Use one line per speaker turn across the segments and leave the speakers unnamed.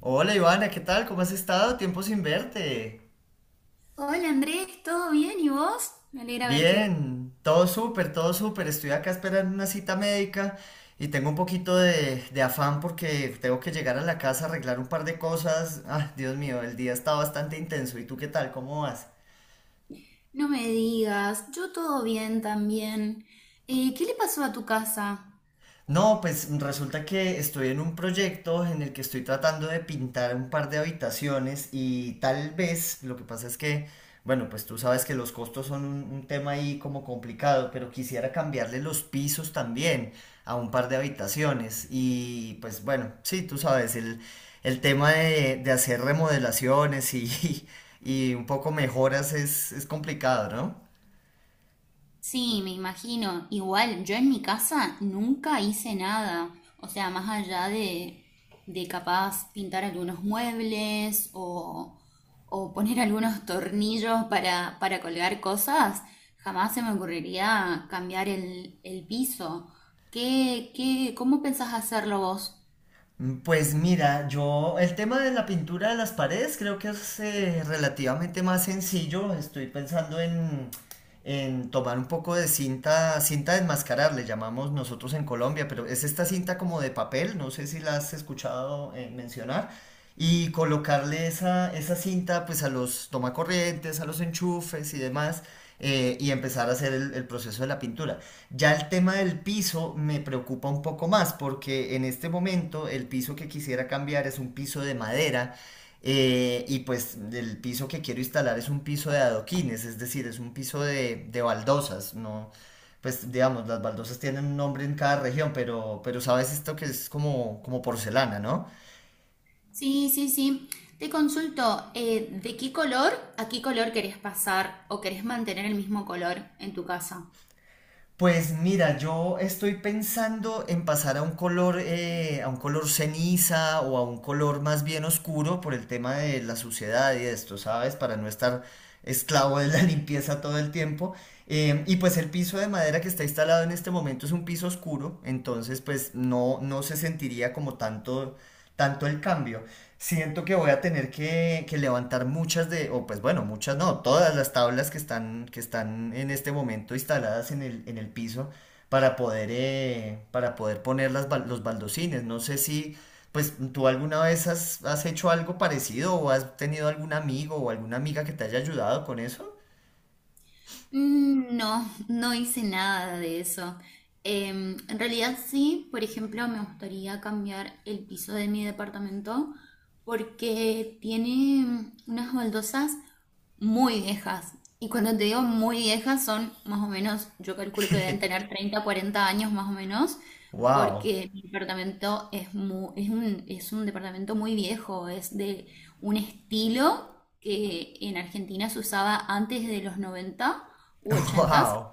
Hola Ivana, ¿qué tal? ¿Cómo has estado? Tiempo sin verte.
Hola Andrés, ¿todo bien? ¿Y vos? Me alegra verte.
Bien, todo súper, todo súper. Estoy acá esperando una cita médica y tengo un poquito de afán porque tengo que llegar a la casa a arreglar un par de cosas. Ah, Dios mío, el día está bastante intenso. ¿Y tú qué tal? ¿Cómo vas?
No me digas, yo todo bien también. ¿Qué le pasó a tu casa?
No, pues resulta que estoy en un proyecto en el que estoy tratando de pintar un par de habitaciones y tal vez, lo que pasa es que, bueno, pues tú sabes que los costos son un tema ahí como complicado, pero quisiera cambiarle los pisos también a un par de habitaciones y pues bueno, sí, tú sabes, el tema de hacer remodelaciones y, y un poco mejoras es complicado, ¿no?
Sí, me imagino. Igual, yo en mi casa nunca hice nada. O sea, más allá de capaz pintar algunos muebles o poner algunos tornillos para colgar cosas, jamás se me ocurriría cambiar el piso. ¿Cómo pensás hacerlo vos?
Pues mira, yo el tema de la pintura de las paredes creo que es relativamente más sencillo. Estoy pensando en tomar un poco de cinta, cinta de enmascarar, le llamamos nosotros en Colombia, pero es esta cinta como de papel, no sé si la has escuchado mencionar, y colocarle esa, esa cinta pues a los tomacorrientes, a los enchufes y demás, y empezar a hacer el proceso de la pintura. Ya el tema del piso me preocupa un poco más porque en este momento el piso que quisiera cambiar es un piso de madera y pues el piso que quiero instalar es un piso de adoquines, es decir, es un piso de baldosas, no, pues digamos, las baldosas tienen un nombre en cada región, pero sabes esto que es como, como porcelana, ¿no?
Sí, sí, sí. Te consulto, ¿de qué color a qué color querés pasar o querés mantener el mismo color en tu casa?
Pues mira, yo estoy pensando en pasar a un color ceniza o a un color más bien oscuro por el tema de la suciedad y esto, ¿sabes? Para no estar esclavo de la limpieza todo el tiempo. Y pues el piso de madera que está instalado en este momento es un piso oscuro, entonces pues no, no se sentiría como tanto, tanto el cambio. Siento que voy a tener que levantar muchas de, o pues bueno, muchas no, todas las tablas que están en este momento instaladas en el piso para poder poner las, los baldocines. No sé si, pues tú alguna vez has, has hecho algo parecido o has tenido algún amigo o alguna amiga que te haya ayudado con eso.
Mm. No, no hice nada de eso. En realidad sí, por ejemplo, me gustaría cambiar el piso de mi departamento porque tiene unas baldosas muy viejas. Y cuando te digo muy viejas son más o menos, yo calculo que deben tener 30, 40 años más o menos,
Wow,
porque mi departamento es un departamento muy viejo, es de un estilo que en Argentina se usaba antes de los 90 u 80.
wow.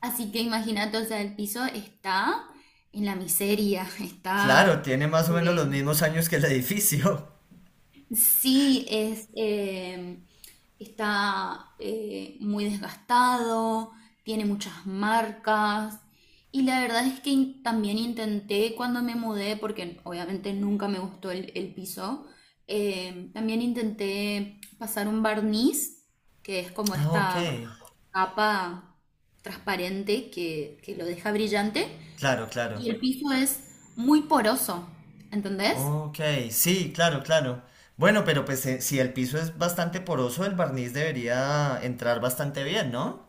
Así que imagínate, o sea, el piso está en la miseria.
Claro, tiene más o menos los
Eh,
mismos años que el edificio.
sí, está muy desgastado, tiene muchas marcas. Y la verdad es que también intenté cuando me mudé, porque obviamente nunca me gustó el piso, también intenté pasar un barniz, que es como
Ah, ok.
esta capa transparente que lo deja brillante
Claro, claro.
y el piso es muy poroso, ¿entendés?
Ok, sí, claro, claro. Bueno, pero pues si el piso es bastante poroso, el barniz debería entrar bastante bien, ¿no?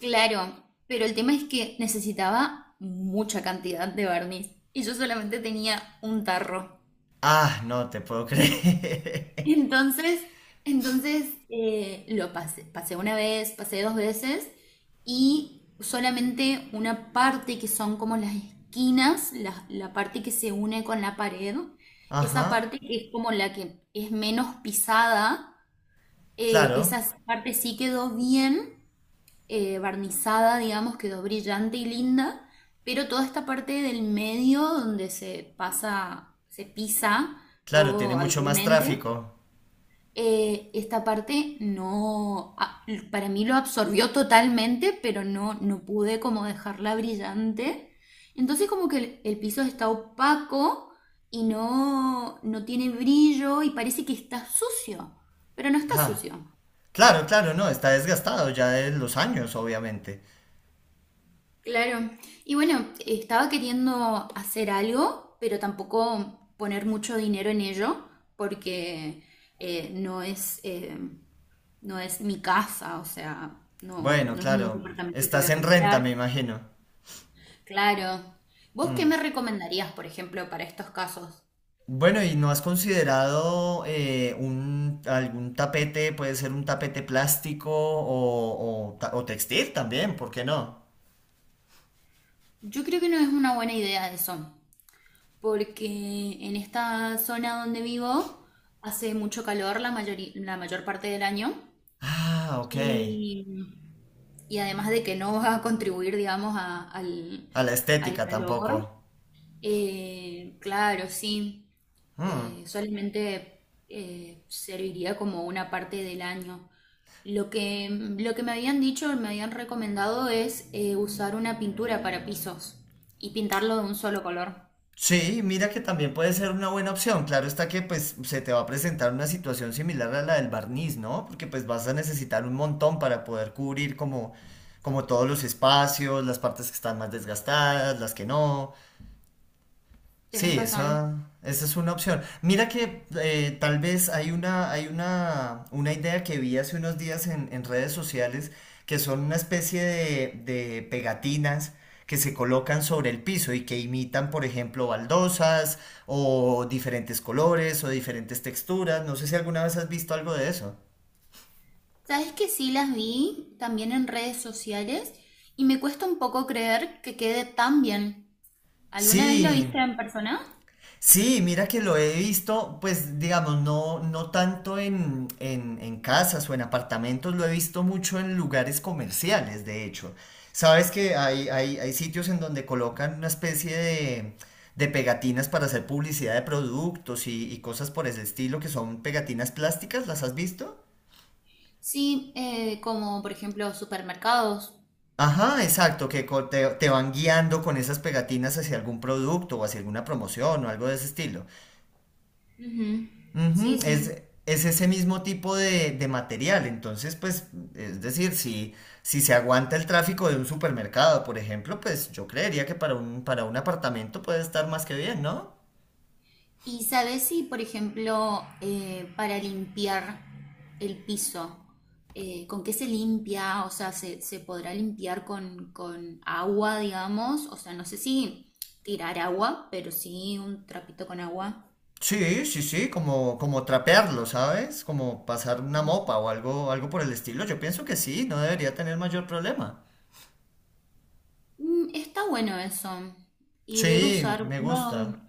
Claro, pero el tema es que necesitaba mucha cantidad de barniz y yo solamente tenía un tarro.
Ah, no te puedo creer.
Entonces, lo pasé, pasé una vez, pasé dos veces y solamente una parte que son como las esquinas, la parte que se une con la pared, esa
Ajá,
parte que es como la que es menos pisada,
claro,
esa parte sí quedó bien barnizada, digamos, quedó brillante y linda, pero toda esta parte del medio donde se pasa, se pisa
claro, tiene
todo
mucho más
habitualmente,
tráfico.
esta parte no, para mí lo absorbió totalmente, pero no, no pude como dejarla brillante. Entonces como que el piso está opaco y no, no tiene brillo y parece que está sucio, pero no está
Ah,
sucio.
claro, claro, no, está desgastado ya de los años, obviamente.
Claro. Y bueno, estaba queriendo hacer algo, pero tampoco poner mucho dinero en ello, porque eh, no es... eh, no es mi casa, o sea, no,
Bueno,
no es un
claro,
departamento que voy
estás
a
en renta,
comprar.
me imagino.
Claro. ¿Vos qué
Mm.
me recomendarías, por ejemplo, para estos casos?
Bueno, ¿y no has considerado un, algún tapete, puede ser un tapete plástico o, o textil también, ¿por qué no?
Yo creo que no es una buena idea eso, porque en esta zona donde vivo hace mucho calor la la mayor parte del año
Ah, ok.
y, y además de que no va a contribuir, digamos, a- al,
A la
al
estética tampoco.
calor. Claro, sí.
Mm.
Solamente serviría como una parte del año. Lo que me habían dicho, me habían recomendado es usar una pintura para pisos y pintarlo de un solo color.
Sí, mira que también puede ser una buena opción. Claro está que pues se te va a presentar una situación similar a la del barniz, ¿no? Porque pues vas a necesitar un montón para poder cubrir como, como todos los espacios, las partes que están más desgastadas, las que no.
Tienes
Sí,
razón.
esa es una opción. Mira que tal vez hay una idea que vi hace unos días en redes sociales que son una especie de pegatinas que se colocan sobre el piso y que imitan, por ejemplo, baldosas o diferentes colores o diferentes texturas. No sé si alguna vez has visto algo de eso.
Sabes que sí las vi también en redes sociales y me cuesta un poco creer que quede tan bien. ¿Alguna vez lo
Sí,
viste en persona?
sí, mira que lo he visto, pues digamos, no, no tanto en casas o en apartamentos, lo he visto mucho en lugares comerciales, de hecho. Sabes que hay sitios en donde colocan una especie de pegatinas para hacer publicidad de productos y cosas por ese estilo, que son pegatinas plásticas, ¿las has visto?
Sí, como por ejemplo supermercados.
Ajá, exacto, te, te van guiando con esas pegatinas hacia algún producto o hacia alguna promoción o algo de ese estilo.
Ujú. Sí,
Ujú, Es,
sí.
es ese mismo tipo de material. Entonces, pues, es decir, si, si se aguanta el tráfico de un supermercado, por ejemplo, pues yo creería que para un apartamento puede estar más que bien, ¿no?
¿Y sabes si, por ejemplo, para limpiar el piso, con qué se limpia? O sea, ¿se, se podrá limpiar con agua, digamos? O sea, no sé si tirar agua, pero sí un trapito con agua.
Sí, sí, sí, como, como trapearlo, ¿sabes? Como pasar una
Ajá.
mopa o algo, algo por el estilo. Yo pienso que sí, no debería tener mayor problema.
Está bueno eso. Y debe
Sí,
usar,
me
no,
gusta.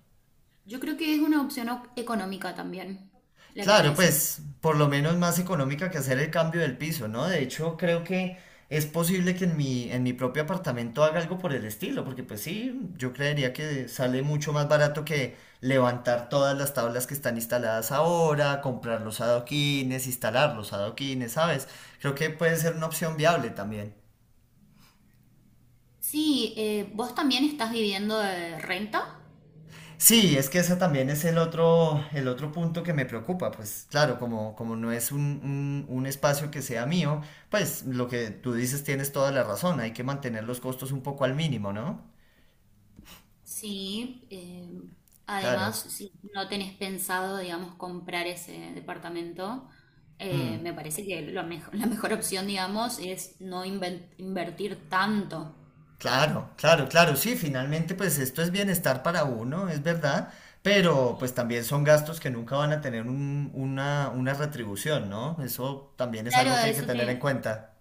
yo creo que es una opción económica también, la que me
Claro,
decís.
pues por lo menos más económica que hacer el cambio del piso, ¿no? De hecho, creo que es posible que en mi propio apartamento haga algo por el estilo, porque pues sí, yo creería que sale mucho más barato que levantar todas las tablas que están instaladas ahora, comprar los adoquines, instalar los adoquines, ¿sabes? Creo que puede ser una opción viable también.
Sí, ¿vos también estás viviendo de renta?
Sí, es que ese también es el otro punto que me preocupa. Pues claro, como, como no es un, un espacio que sea mío, pues lo que tú dices tienes toda la razón. Hay que mantener los costos un poco al mínimo, ¿no?
Sí,
Claro.
además, si no tenés pensado, digamos, comprar ese departamento,
Mm,
me parece que lo la mejor opción, digamos, es no invertir tanto.
claro, claro, claro. Sí, finalmente pues esto es bienestar para uno, es verdad. Pero pues también son gastos que nunca van a tener una retribución, ¿no? Eso también es
Claro,
algo que hay que
eso
tener en
te,
cuenta.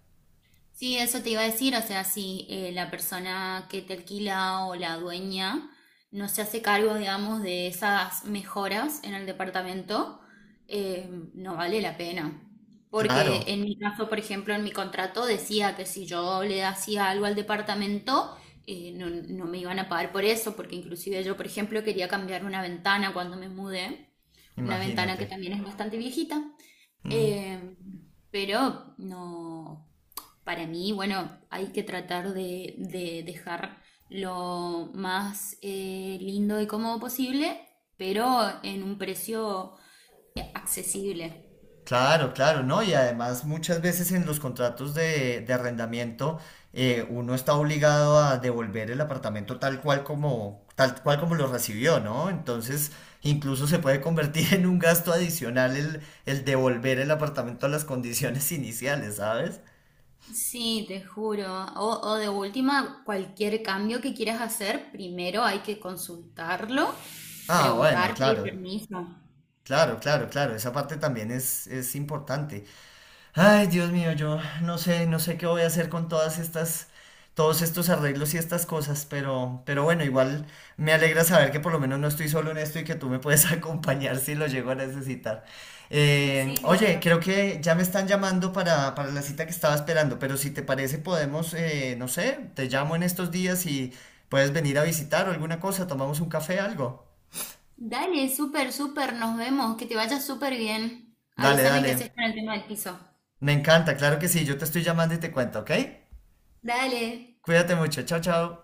Sí, eso te iba a decir, o sea, si la persona que te alquila o la dueña no se hace cargo, digamos, de esas mejoras en el departamento, no vale la pena.
Claro,
Porque en mi caso, por ejemplo, en mi contrato decía que si yo le hacía algo al departamento, no, no me iban a pagar por eso, porque inclusive yo, por ejemplo, quería cambiar una ventana cuando me mudé, una ventana
imagínate.
que también es bastante viejita.
Mm.
Eh, pero no, para mí, bueno, hay que tratar de dejar lo más lindo y cómodo posible, pero en un precio accesible.
Claro, claro, ¿no? Y además muchas veces en los contratos de arrendamiento uno está obligado a devolver el apartamento tal cual como lo recibió, ¿no? Entonces incluso se puede convertir en un gasto adicional el devolver el apartamento a las condiciones iniciales, ¿sabes?
Sí, te juro. O de última, cualquier cambio que quieras hacer, primero hay que consultarlo,
Ah, bueno,
preguntar, pedir
claro,
permiso.
claro, claro, claro, esa parte también es importante. Ay, Dios mío, yo no sé, no sé qué voy a hacer con todas estas, todos estos arreglos y estas cosas, pero bueno, igual me alegra saber que por lo menos no estoy solo en esto y que tú me puedes acompañar si lo llego a necesitar.
Sí,
Oye,
obvio.
creo que ya me están llamando para la cita que estaba esperando, pero si te parece podemos, no sé, te llamo en estos días y puedes venir a visitar o alguna cosa, tomamos un café, algo.
Dale, súper, súper, nos vemos. Que te vaya súper bien.
Dale,
Avísame qué
dale,
haces con el tema del piso.
me encanta, claro que sí, yo te estoy llamando y te cuento, ¿ok?
Dale.
Cuídate mucho, chao, chao.